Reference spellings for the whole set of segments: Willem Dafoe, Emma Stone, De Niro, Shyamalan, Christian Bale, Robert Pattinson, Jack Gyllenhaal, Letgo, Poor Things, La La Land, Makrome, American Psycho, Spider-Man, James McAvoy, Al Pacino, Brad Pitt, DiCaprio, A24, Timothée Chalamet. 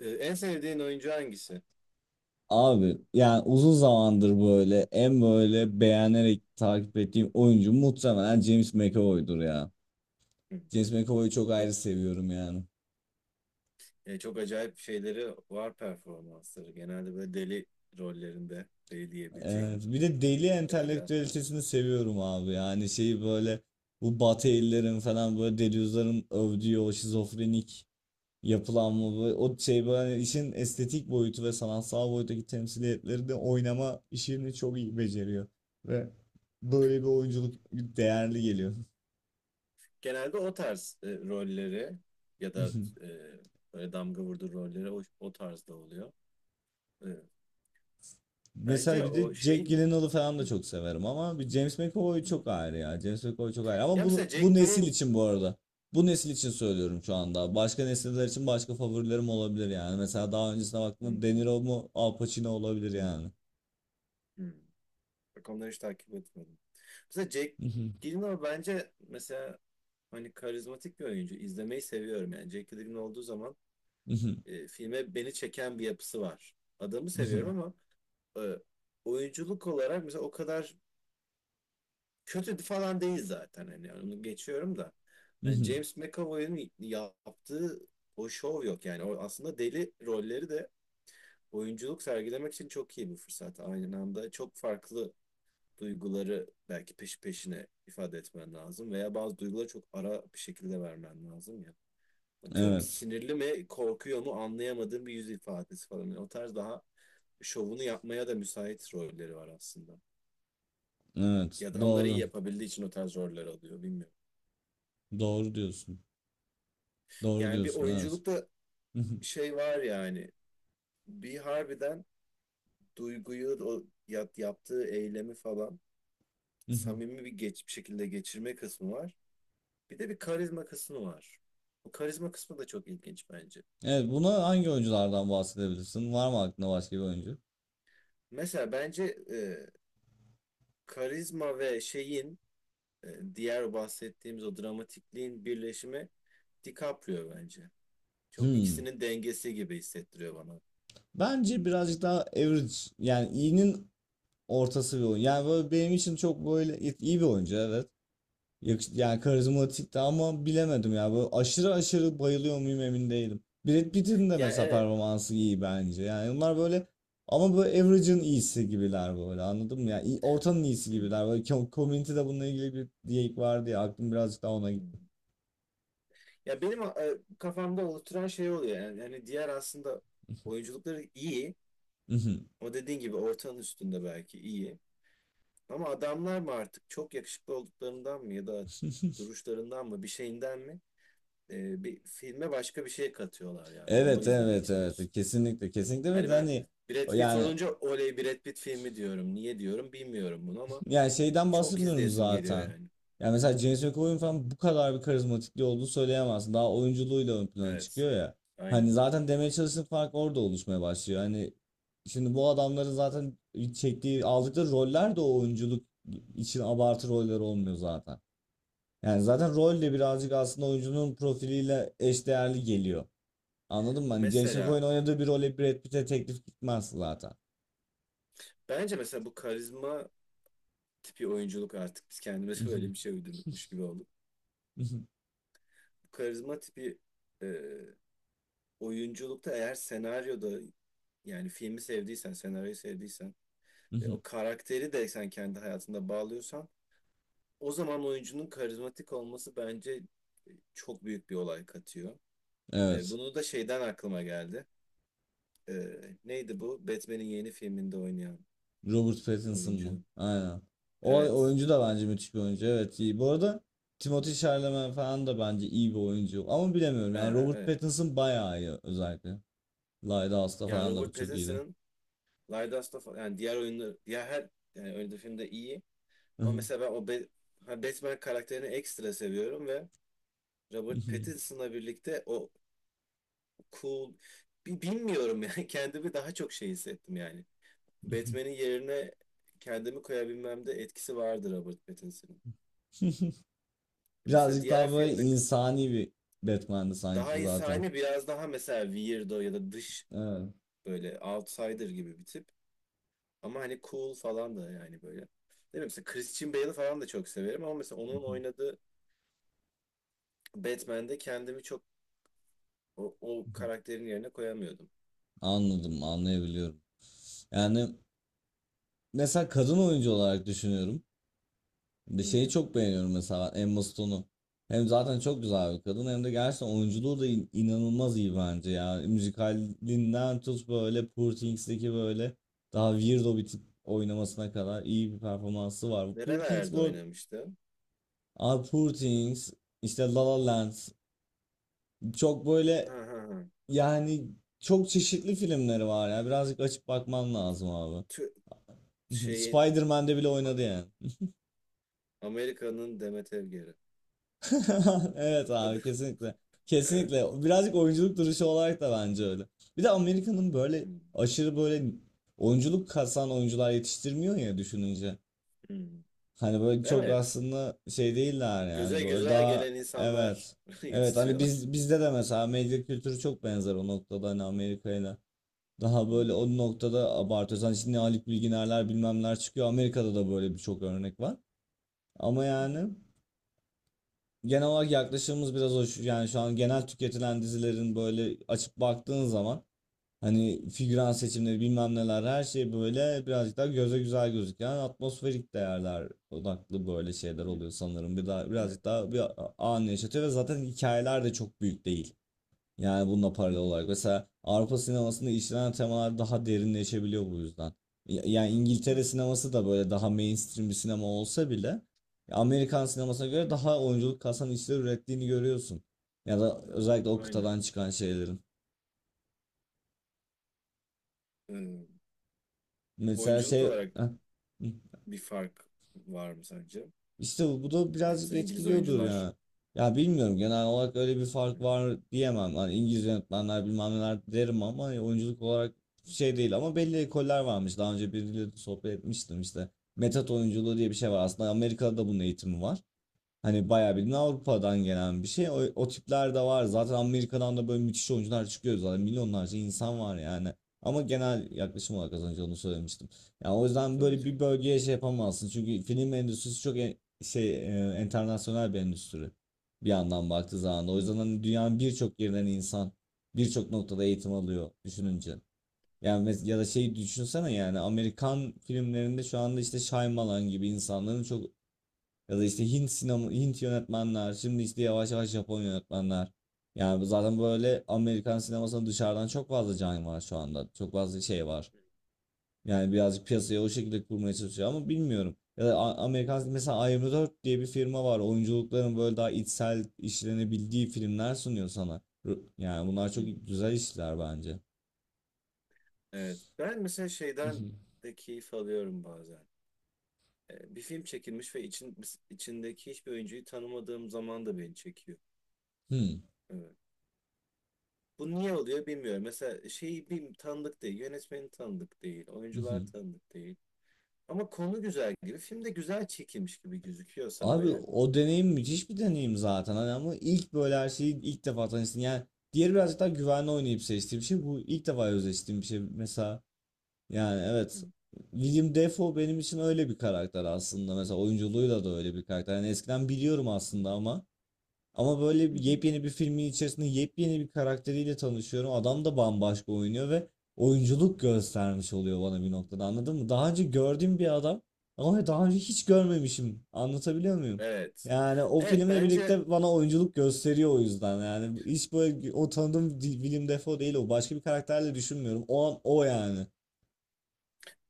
En sevdiğin oyuncu hangisi? Abi yani uzun zamandır böyle böyle beğenerek takip ettiğim oyuncu muhtemelen James McAvoy'dur ya. Hı. James McAvoy'u çok Çok, ayrı seviyorum yani. Çok acayip şeyleri var performansları. Genelde böyle deli rollerinde deli Evet, diyebileceğin bir de deli ya da biraz. entelektüelitesini seviyorum abi yani şeyi böyle bu Batı ellerin falan böyle delüzyonların övdüğü o şizofrenik yapılanma böyle, o şey böyle işin estetik boyutu ve sanatsal boyuttaki temsiliyetleri de oynama işini çok iyi beceriyor ve böyle bir oyunculuk değerli geliyor. Genelde o tarz rolleri ya da e, böyle damga vurdu rolleri o tarzda oluyor. E, Mesela Bence bir de o Jack şey... Gyllenhaal'ı falan Hı, da çok severim ama bir James McAvoy hı. çok ayrı ya. James McAvoy çok ayrı ama Ya bu, mesela bu Jack nesil Gyllenhaal... için bu arada. Bu nesil için söylüyorum şu anda. Başka nesiller için başka favorilerim olabilir yani. Mesela daha öncesine Hı, baktığımda De Niro mu Al Pacino olabilir hı, yani. hı. Bak onları hiç takip etmedim. Mesela Jack Gyllenhaal bence mesela hani karizmatik bir oyuncu. İzlemeyi seviyorum yani. Jack Gyllenhaal olduğu zaman filme beni çeken bir yapısı var. Adamı seviyorum ama e, oyunculuk olarak mesela o kadar kötü falan değil zaten. Hani yani onu geçiyorum da. Hani James McAvoy'un yaptığı o şov yok yani. O aslında deli rolleri de oyunculuk sergilemek için çok iyi bir fırsat. Aynı anda çok farklı duyguları belki peşi peşine ifade etmen lazım veya bazı duyguları çok ara bir şekilde vermen lazım ya. Atıyorum Evet. sinirli mi korkuyor mu anlayamadığım bir yüz ifadesi falan. Yani o tarz daha şovunu yapmaya da müsait rolleri var aslında. Evet. Ya da onları iyi Doğru. yapabildiği için o tarz roller alıyor bilmiyorum. Doğru diyorsun. Doğru Yani bir diyorsun. Evet. oyunculukta şey var yani bir harbiden duyguyu o yaptığı eylemi falan samimi bir geç bir şekilde geçirme kısmı var. Bir de bir karizma kısmı var. Bu karizma kısmı da çok ilginç bence. Evet. Buna hangi oyunculardan bahsedebilirsin? Var mı aklında başka bir oyuncu? Mesela bence e, karizma ve şeyin e, diğer bahsettiğimiz o dramatikliğin birleşimi DiCaprio bence. Çok Hmm. ikisinin dengesi gibi hissettiriyor bana. Bence birazcık daha average, yani iyinin ortası bir oyun. Yani böyle benim için çok böyle iyi bir oyuncu, evet. Yani karizmatik de ama bilemedim ya. Böyle aşırı aşırı bayılıyor muyum emin değilim. Brad Pitt'in de Yani mesela evet. performansı iyi bence. Yani onlar böyle, ama böyle average'ın iyisi gibiler böyle, anladın mı? Ortanın iyisi Hmm, gibiler. Böyle community'de bununla ilgili bir diyek vardı ya, aklım birazcık daha ona gitti. hmm. Ya benim kafamda oluşturan şey oluyor. Yani diğer aslında oyunculukları iyi. O dediğin gibi ortanın üstünde belki iyi. Ama adamlar mı artık çok yakışıklı olduklarından mı ya da duruşlarından mı bir şeyinden mi bir filme başka bir şey katıyorlar yani onu Evet izlemek evet evet, istiyorsun. kesinlikle kesinlikle, ve Hani de ben hani Brad Pitt yani, olunca oley Brad Pitt filmi diyorum. Niye diyorum bilmiyorum bunu ama yani şeyden çok bahsetmiyorum izleyesim geliyor zaten. yani. Yani mesela James McAvoy'un falan bu kadar bir karizmatikliği olduğunu söyleyemezsin. Daha oyunculuğuyla ön plana Evet. çıkıyor ya. Hani Aynen. zaten demeye çalıştığım fark orada oluşmaya başlıyor. Hani şimdi bu adamların zaten çektiği, aldıkları roller de o oyunculuk için abartı roller olmuyor zaten. Yani zaten rol de birazcık aslında oyuncunun profiliyle eşdeğerli geliyor. Anladın mı? Hani James Mesela McAvoy'un oynadığı bir role Brad Pitt'e teklif gitmez zaten. bence mesela bu karizma tipi oyunculuk artık biz kendimize böyle bir şey uydurdukmuş gibi olduk. Bu karizma tipi e, oyunculukta eğer senaryoda yani filmi sevdiysen, senaryoyu sevdiysen ve o karakteri de sen kendi hayatında bağlıyorsan o zaman oyuncunun karizmatik olması bence çok büyük bir olay katıyor. Evet. Bunu da şeyden aklıma geldi. E, Neydi bu? Batman'in yeni filminde oynayan Robert Pattinson oyuncu. mu? Aynen. O Evet. oyuncu da bence müthiş bir oyuncu. Evet, iyi. Bu arada Timothée Chalamet falan da bence iyi bir oyuncu. Ama bilemiyorum. Yani Aa, Robert evet. Pattinson bayağı iyi özellikle. Lighthouse'da Yani falan da bu Robert çok iyiydi. Pattinson'ın Light of yani diğer oyunlar diğer her yani oynadığı filmde iyi. Ama mesela ben o ha, Batman karakterini ekstra seviyorum ve Robert Pattinson'la birlikte o cool. Bilmiyorum yani kendimi daha çok şey hissettim yani. Batman'in yerine kendimi koyabilmemde etkisi vardır Robert Pattinson'ın. Mesela Birazcık diğer daha böyle filmde insani bir Batman'di daha sanki zaten. insani biraz daha mesela weirdo ya da dış Evet. böyle outsider gibi bir tip. Ama hani cool falan da yani böyle. Değil mi? Mesela Christian Bale'ı falan da çok severim ama mesela onun oynadığı Batman'de kendimi çok o karakterin yerine koyamıyordum. Anladım, anlayabiliyorum. Yani mesela kadın oyuncu olarak düşünüyorum. Bir Hı şeyi hı. çok beğeniyorum, mesela Emma Stone'u. Hem zaten çok güzel bir kadın hem de gerçekten oyunculuğu da inanılmaz iyi bence ya. Müzikalinden tut, böyle Poor Things'deki böyle daha weirdo bir tip oynamasına kadar iyi bir performansı var. Poor Things Nerelerde bu, oynamıştı? aa, Poor Things, işte La La Land, çok Ha böyle, ha ha. yani çok çeşitli filmleri var ya. Birazcık açıp bakman lazım abi. Tü- şeyin Spider-Man'de bile oynadı yani. Amerika'nın Demet Evgeri. Evet abi, kesinlikle. Kesinlikle. Birazcık oyunculuk duruşu olarak da bence öyle. Bir de Amerika'nın böyle Hmm, aşırı böyle oyunculuk kasan oyuncular yetiştirmiyor ya düşününce. hmm. Hani böyle çok Evet. aslında şey değiller yani, Göze böyle güzel daha, gelen insanlar evet. Evet, hani yetiştiriyorlar. biz bizde de mesela medya kültürü çok benzer o noktada hani Amerika'yla. Daha Hmm, böyle o noktada abartıyoruz. Hani şimdi Haluk Bilginerler bilmemler çıkıyor. Amerika'da da böyle birçok örnek var. Ama hmm, yani genel olarak yaklaşımımız biraz o. Yani şu an genel tüketilen dizilerin böyle açıp baktığın zaman hani figüran seçimleri bilmem neler her şey böyle birazcık daha göze güzel gözüken atmosferik değerler odaklı böyle şeyler hmm. oluyor sanırım. Bir daha Evet. birazcık daha bir anı yaşatıyor ve zaten hikayeler de çok büyük değil. Yani bununla Hmm, paralel hmm, olarak. Mesela Avrupa sinemasında işlenen temalar daha derinleşebiliyor bu yüzden. Yani İngiltere evet. sineması da böyle daha mainstream bir sinema olsa bile Amerikan sinemasına göre daha oyunculuk kasan işler ürettiğini görüyorsun. Ya da özellikle o Aynen. kıtadan çıkan şeylerin. Hmm. Mesela Oyunculuk şey... olarak Heh. bir fark var mı sence? İşte bu da Yani birazcık mesela İngiliz etkiliyordur oyuncular. ya. Ya bilmiyorum, genel olarak öyle bir fark Hmm, var diyemem. Hani İngiliz yönetmenler bilmem neler derim ama oyunculuk olarak hmm, şey değil, ama belli ekoller varmış. Daha önce biriyle de sohbet etmiştim işte. Metot oyunculuğu diye bir şey var. Aslında Amerika'da da bunun eğitimi var. Hani bayağı bildiğin hmm. Avrupa'dan gelen bir şey. O tipler de var. Zaten Amerika'dan da böyle müthiş oyuncular çıkıyor zaten. Milyonlarca insan var yani. Ama genel yaklaşım olarak az önce onu söylemiştim. Yani o yüzden Tabii böyle bir canım. bölgeye şey yapamazsın. Çünkü film endüstrisi çok şey internasyonel bir endüstri. Bir yandan baktığı zaman da. O Hmm, yüzden hani dünyanın birçok yerinden insan birçok noktada eğitim alıyor düşününce. Yani ya da şey düşünsene, yani Amerikan filmlerinde şu anda işte Shyamalan gibi insanların çok, ya da işte Hint sinema, Hint yönetmenler, şimdi işte yavaş yavaş Japon yönetmenler. Yani zaten böyle Amerikan sinemasının dışarıdan çok fazla can var şu anda. Çok fazla şey var. Yani birazcık piyasayı o şekilde kurmaya çalışıyor ama bilmiyorum. Ya da Amerikan, mesela A24 diye bir firma var. Oyunculukların böyle daha içsel işlenebildiği filmler sunuyor sana. Yani bunlar çok hmm. güzel işler bence. Evet. Ben mesela şeyden de keyif alıyorum bazen. Bir film çekilmiş ve için, içindeki hiçbir oyuncuyu tanımadığım zaman da beni çekiyor. Hmm. Evet. Bu niye oluyor bilmiyorum. Mesela şeyi bir tanıdık değil, yönetmeni tanıdık değil, oyuncular tanıdık değil. Ama konu güzel gibi, film de güzel çekilmiş gibi gözüküyorsa Abi böyle. o deneyim müthiş bir deneyim zaten, hani ama ilk böyle her şeyi ilk defa tanıştın yani, diğeri birazcık daha güvenli oynayıp seçtiğim bir şey, bu ilk defa özleştiğim bir şey mesela, yani Hı, evet, William Dafoe benim için öyle bir karakter aslında, mesela oyunculuğuyla da öyle bir karakter yani, eskiden biliyorum hı, aslında ama, ama böyle hı, hı, yepyeni bir filmin içerisinde yepyeni bir karakteriyle tanışıyorum. Adam da bambaşka oynuyor ve oyunculuk göstermiş oluyor bana hı. bir noktada, anladın mı? Daha önce gördüğüm bir adam ama daha önce hiç görmemişim. Anlatabiliyor muyum? Evet. Yani o Evet filmle bence birlikte bana oyunculuk gösteriyor o yüzden. Yani hiç böyle o tanıdığım Willem Dafoe değil o. Başka bir karakterle düşünmüyorum. O an o yani.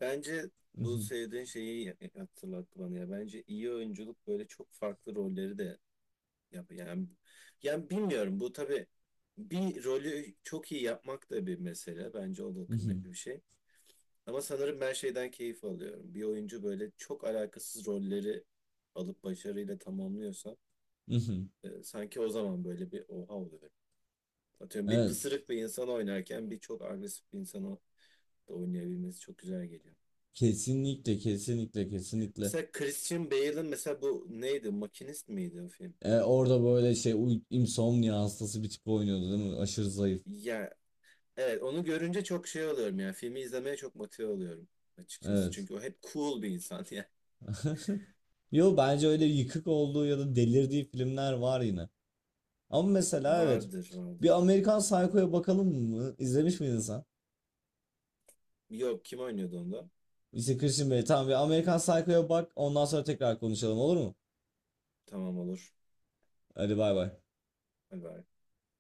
bence bu söylediğin şeyi hatırlattı bana ya. Bence iyi oyunculuk böyle çok farklı rolleri de yap yani bilmiyorum bu tabii bir rolü çok iyi yapmak da bir mesele. Bence o da kıymetli Mhm, bir şey. Ama sanırım ben şeyden keyif alıyorum. Bir oyuncu böyle çok alakasız rolleri alıp başarıyla tamamlıyorsa mhm. Sanki o zaman böyle bir oha oluyorum. Atıyorum bir Evet. pısırık bir insan oynarken bir çok agresif bir insanı da oynayabilmesi çok güzel geliyor. Kesinlikle, kesinlikle, kesinlikle. Mesela Christian Bale'ın mesela bu neydi? Makinist miydi o film? Orada böyle şey insomnia hastası bir tip oynuyordu değil mi? Aşırı zayıf. Ya evet onu görünce çok şey oluyorum yani filmi izlemeye çok motive oluyorum açıkçası. Evet. Çünkü o hep cool bir insan yani. Yo bence öyle yıkık olduğu ya da delirdiği filmler var yine. Ama mesela evet. Vardır Bir vardır. Amerikan Psycho'ya bakalım mı? İzlemiş miydin sen? Yok kim oynuyordu onda? İşte Christian Bale. Tamam, bir Amerikan Psycho'ya bak. Ondan sonra tekrar konuşalım, olur mu? Tamam olur. Hadi bay bay. Hadi